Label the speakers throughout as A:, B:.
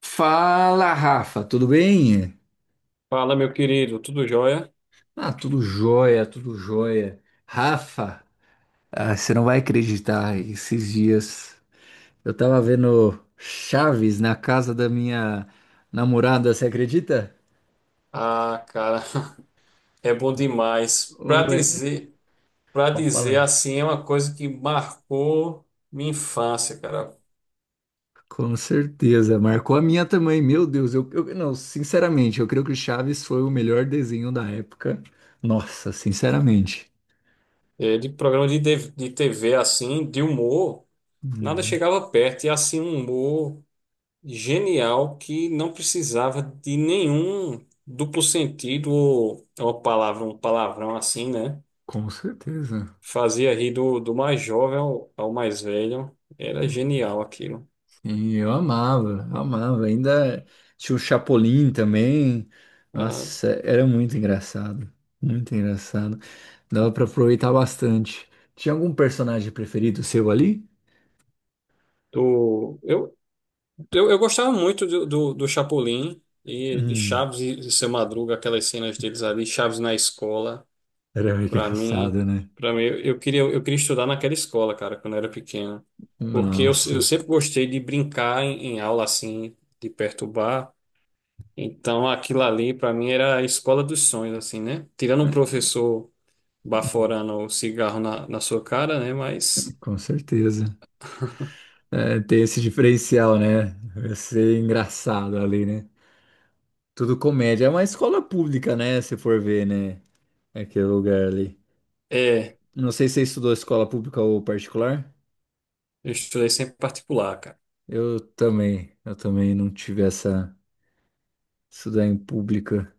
A: Fala, Rafa, tudo bem?
B: Fala, meu querido, tudo jóia?
A: Ah, tudo jóia, tudo jóia. Rafa, você não vai acreditar, esses dias eu tava vendo Chaves na casa da minha namorada, você acredita?
B: Ah, cara, é bom demais.
A: Ué,
B: Para
A: pode
B: dizer
A: falar.
B: assim, é uma coisa que marcou minha infância, cara.
A: Com certeza, marcou a minha também, meu Deus, não, sinceramente, eu creio que Chaves foi o melhor desenho da época. Nossa, sinceramente.
B: É, de TV de TV assim, de humor, nada
A: Hum,
B: chegava perto. E assim, um humor genial que não precisava de nenhum duplo sentido ou um palavrão assim, né?
A: com certeza.
B: Fazia rir do mais jovem ao mais velho. Era genial aquilo.
A: Sim, eu amava, amava. Ainda tinha o Chapolin também.
B: Ah,
A: Nossa, era muito engraçado. Muito engraçado. Dava pra aproveitar bastante. Tinha algum personagem preferido seu ali?
B: Do, eu, eu gostava muito do Chapolin e de
A: Hum,
B: Chaves e de Seu Madruga, aquelas cenas deles ali, Chaves na escola.
A: era
B: Para mim,
A: engraçado, né?
B: para mim eu queria estudar naquela escola, cara, quando eu era pequeno. Porque
A: Nossa,
B: eu sempre gostei de brincar em aula assim, de perturbar. Então aquilo ali, para mim, era a escola dos sonhos, assim, né? Tirando um professor baforando o cigarro na sua cara, né? Mas
A: com certeza. É, tem esse diferencial, né? Vai ser engraçado ali, né? Tudo comédia. É uma escola pública, né? Se for ver, né? Aquele lugar ali.
B: é,
A: Não sei se você estudou escola pública ou particular.
B: eu estudei sempre particular, cara.
A: Eu também não tive essa isso daí em pública.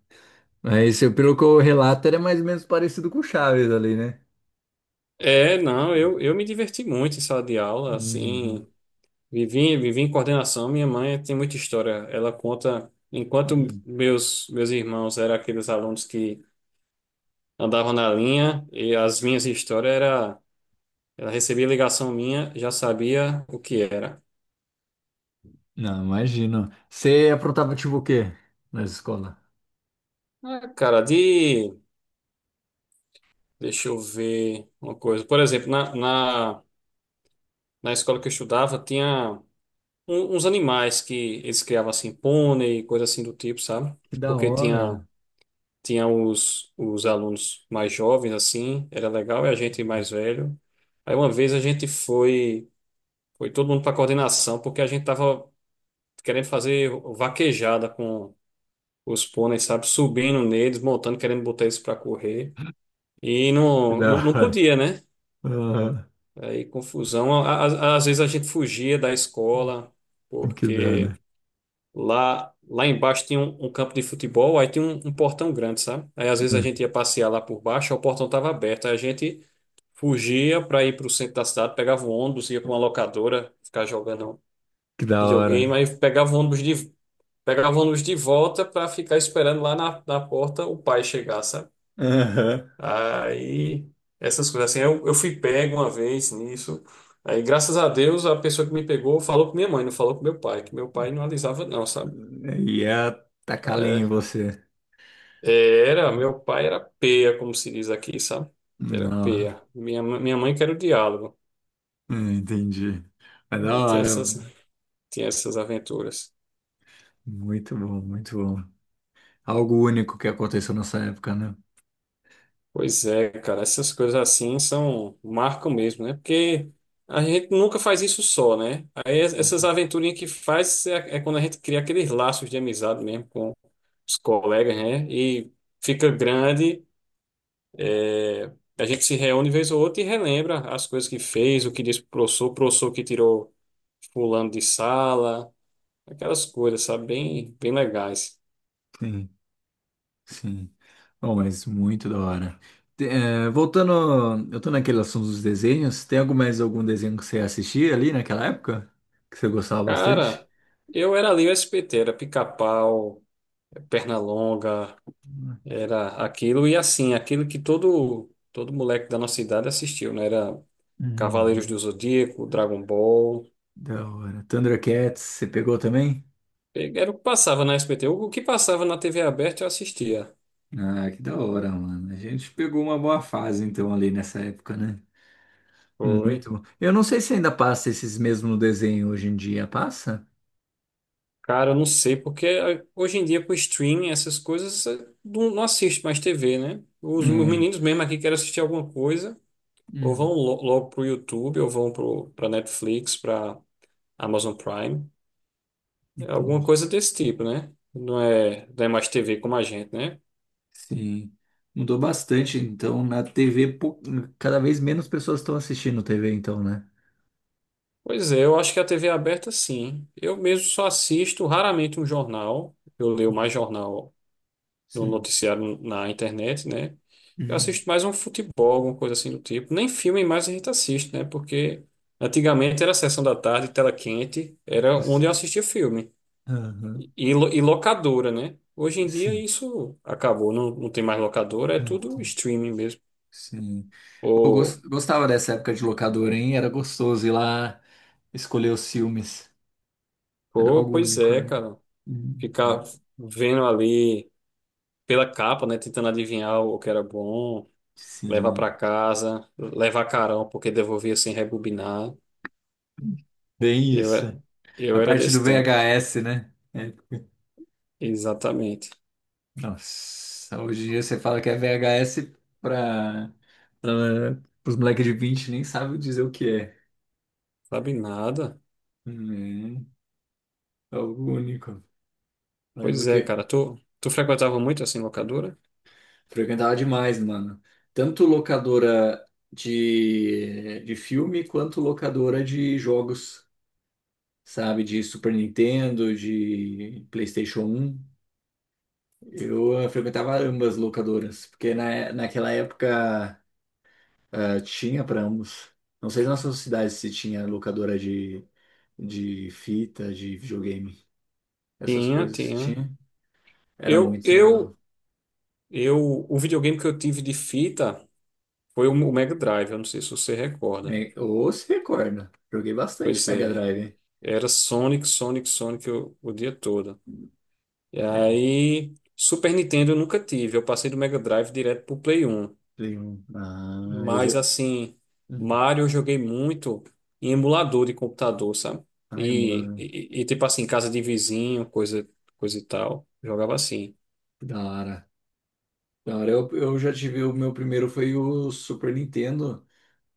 A: Mas pelo que eu relato, era mais ou menos parecido com o Chaves ali, né?
B: É, não, eu me diverti muito em sala de aula,
A: Uhum,
B: assim, vivi em coordenação, minha mãe tem muita história, ela conta, enquanto
A: uhum.
B: meus irmãos eram aqueles alunos que andavam na linha, e as minhas histórias era, ela recebia ligação minha, já sabia o que era.
A: Não, imagino. Você aprontava tipo o quê na escola?
B: Ah, cara, deixa eu ver uma coisa, por exemplo, na escola que eu estudava, tinha uns animais que eles criavam, assim, pônei, coisa assim do tipo, sabe?
A: Que da
B: Porque tinha.
A: hora.
B: Tinha os alunos mais jovens, assim, era legal, e a gente
A: Uhum.
B: mais velho. Aí uma vez foi todo mundo para coordenação, porque a gente tava querendo fazer vaquejada com os pôneis, sabe? Subindo neles, montando, querendo botar eles para correr. E
A: Que da
B: não
A: hora.
B: podia, né? Aí confusão. Às vezes a gente fugia da escola,
A: Ah, que da
B: porque.
A: hora.
B: Lá embaixo tinha um campo de futebol, aí tinha um portão grande, sabe? Aí às vezes a
A: Ah,
B: gente ia passear lá por baixo, aí o portão estava aberto, aí a gente fugia para ir para o centro da cidade, pegava um ônibus, ia para uma locadora, ficar jogando
A: que da hora.
B: videogame,
A: Né?
B: aí pegava o ônibus de volta para ficar esperando lá na porta o pai chegar, sabe?
A: Aham.
B: Aí essas coisas assim, eu fui pego uma vez nisso. Aí, graças a Deus, a pessoa que me pegou falou com minha mãe, não falou com meu pai, que meu pai não alisava, não, sabe?
A: Ia tacar lenha em
B: É,
A: você.
B: É, Era, meu pai era peia, como se diz aqui, sabe? Era
A: Não,
B: peia. Minha mãe que era o diálogo.
A: entendi. Mas da
B: Aí
A: hora.
B: tinha essas aventuras.
A: Muito bom, muito bom. Algo único que aconteceu nessa época, né?
B: Pois é, cara, essas coisas assim são, marcam mesmo, né? Porque a gente nunca faz isso só, né? Aí essas aventurinhas que faz é, é quando a gente cria aqueles laços de amizade mesmo com os colegas, né? E fica grande. É, a gente se reúne vez ou outra e relembra as coisas que fez, o que disse pro professor, o professor que tirou fulano de sala. Aquelas coisas, sabe? Bem legais.
A: Sim, sim. Bom, mas muito da hora. Voltando, eu tô naquele assunto dos desenhos. Tem algum mais algum desenho que você assistia ali naquela época? Que você gostava bastante?
B: Cara, eu era ali o SPT, era pica-pau, perna longa, era aquilo e assim, aquilo que todo moleque da nossa idade assistiu, né? Era Cavaleiros do
A: Uhum.
B: Zodíaco, Dragon Ball.
A: Da hora. Thundercats, você pegou também?
B: Era o que passava na SBT. O que passava na TV aberta eu assistia.
A: Ah, que da hora, mano. A gente pegou uma boa fase, então, ali nessa época, né?
B: Foi.
A: Muito bom. Eu não sei se ainda passa esses mesmos desenhos hoje em dia. Passa?
B: Cara, eu não sei, porque hoje em dia com streaming, essas coisas, não assiste mais TV, né? Os
A: É.
B: meninos mesmo aqui querem assistir alguma coisa. Ou vão
A: Hum,
B: logo para o YouTube, ou vão para Netflix, para Amazon Prime. É. Alguma
A: entendi.
B: coisa desse tipo, né? Não é mais TV como a gente, né?
A: Sim, mudou bastante. Então, na TV, cada vez menos pessoas estão assistindo TV, então, né?
B: Pois é, eu acho que a TV aberta, sim. Eu mesmo só assisto raramente um jornal. Eu leio mais
A: Hum,
B: jornal no
A: sim.
B: noticiário na internet, né? Eu
A: Hum,
B: assisto mais um futebol, alguma coisa assim do tipo. Nem filme mais a gente assiste, né? Porque antigamente era a sessão da tarde, tela quente, era onde eu
A: sim.
B: assistia filme.
A: Aham,
B: E, e locadora, né? Hoje em dia
A: sim.
B: isso acabou, não tem mais locadora, é
A: Não
B: tudo
A: tem.
B: streaming mesmo.
A: Sim. Eu
B: Pô,
A: gostava dessa época de locadora, hein? Era gostoso ir lá escolher os filmes. Era
B: pô,
A: algo
B: pois
A: único,
B: é,
A: né?
B: cara.
A: Uhum.
B: Ficar vendo ali pela capa, né? Tentando adivinhar o que era bom, levar
A: Sim.
B: pra casa, levar carão, porque devolvia sem rebobinar.
A: Bem
B: Eu, é-
A: isso. A
B: eu era
A: parte do
B: desse tempo,
A: VHS, né? É.
B: exatamente.
A: Nossa, hoje em dia você fala que é VHS para os moleques de 20 nem sabem dizer o que é.
B: Sabe nada?
A: Hum, é algo único.
B: Pois
A: Lembro
B: é,
A: que
B: cara. Tu frequentava muito assim locadora?
A: frequentava demais, mano. Tanto locadora de filme quanto locadora de jogos, sabe? De Super Nintendo, de PlayStation um. Eu frequentava ambas locadoras, porque naquela época. Ah, tinha para ambos. Não sei na sua cidade se tinha locadora de fita, de videogame. Essas
B: Tinha,
A: coisas
B: tinha.
A: tinha. Era
B: Eu,
A: muito legal.
B: eu, o videogame que eu tive de fita. Foi o Mega Drive, eu não sei se você recorda.
A: Ou se recorda. Joguei bastante
B: Pois
A: Mega
B: é,
A: Drive, hein?
B: era Sonic o dia todo. E
A: É,
B: aí, Super Nintendo eu nunca tive, eu passei do Mega Drive direto pro Play 1.
A: Play 1. Ah, eu já.
B: Mas assim,
A: Hum.
B: Mario eu joguei muito em emulador de computador, sabe?
A: Ai,
B: E,
A: mano.
B: e, e, tipo assim, casa de vizinho, coisa, coisa e tal. Jogava assim.
A: Da hora. Da hora. Eu já tive o meu primeiro foi o Super Nintendo.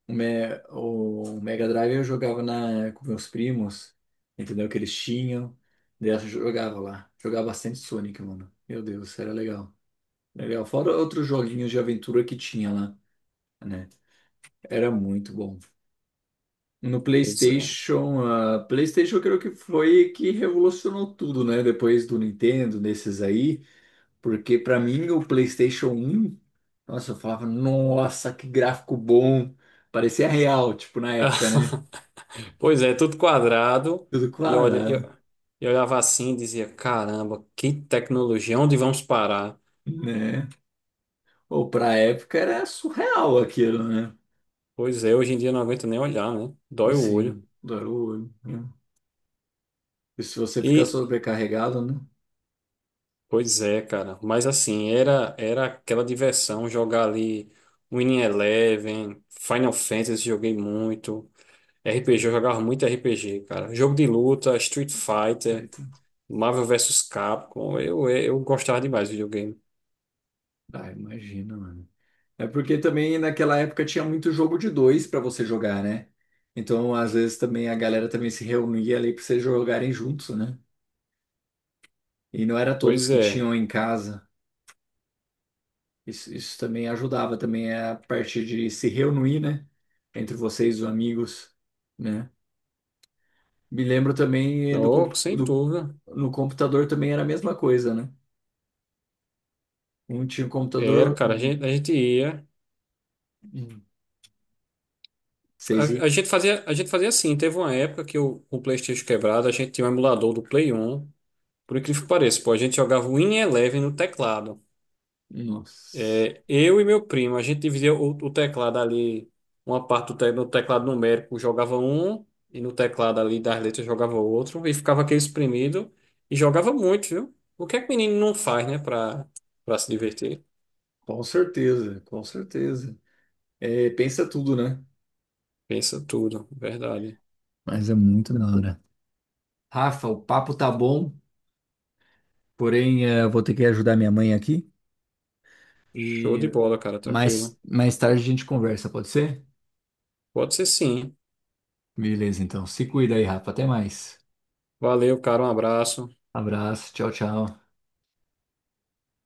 A: O Mega Drive eu jogava com meus primos, entendeu? Que eles tinham. Daí eu jogava lá. Jogava bastante Sonic, mano. Meu Deus, era legal. Legal. Fora outros joguinhos de aventura que tinha lá, né? Era muito bom. No
B: Pois é.
A: PlayStation, ah, PlayStation eu creio que foi que revolucionou tudo, né? Depois do Nintendo, desses aí. Porque pra mim o PlayStation um, nossa, eu falava, nossa, que gráfico bom. Parecia real, tipo, na época, né?
B: Pois é, tudo quadrado.
A: Tudo
B: E olha,
A: clarado,
B: eu olhava assim e dizia, caramba, que tecnologia, onde vamos parar?
A: né? Né? Ou para época era surreal aquilo, né?
B: Pois é, hoje em dia eu não aguento nem olhar, né? Dói o olho.
A: Assim, dar o olho, né? E se você ficar
B: E,
A: sobrecarregado, né?
B: pois é, cara. Mas assim, era aquela diversão jogar ali Winning Eleven, Final Fantasy, joguei muito. RPG, eu jogava muito RPG, cara. Jogo de luta, Street Fighter,
A: Eita.
B: Marvel vs Capcom. Eu gostava demais do videogame.
A: Ah, imagina, mano. É porque também naquela época tinha muito jogo de dois para você jogar, né? Então, às vezes também a galera também se reunia ali para vocês jogarem juntos, né? E não era todos
B: Pois
A: que
B: é.
A: tinham em casa. Isso também ajudava também a parte de se reunir, né? Entre vocês, os amigos, né? Me lembro também
B: Oh, sem dúvida.
A: no computador também era a mesma coisa, né? Um tinha um computador,
B: Era,
A: outro
B: cara,
A: não.
B: a gente ia.
A: Hum. Vocês iam?
B: A gente fazia assim, teve uma época que o PlayStation quebrado, a gente tinha um emulador do Play 1. Por incrível que pareça, pô, a gente jogava o Win Eleven no teclado.
A: Nossa,
B: É, eu e meu primo, a gente dividia o teclado ali, uma parte no teclado numérico jogava um, e no teclado ali das letras jogava outro, e ficava aquele espremido, e jogava muito, viu? O que é que o menino não faz, né, pra se divertir?
A: com certeza, com certeza. É, pensa tudo, né?
B: Pensa tudo, verdade.
A: Mas é muito da hora. Rafa, o papo tá bom, porém eu vou ter que ajudar minha mãe aqui
B: Show de
A: e
B: bola, cara, tranquilo.
A: mais tarde a gente conversa, pode ser?
B: Pode ser sim.
A: Beleza, então. Se cuida aí, Rafa. Até mais.
B: Valeu, cara, um abraço.
A: Abraço, tchau, tchau.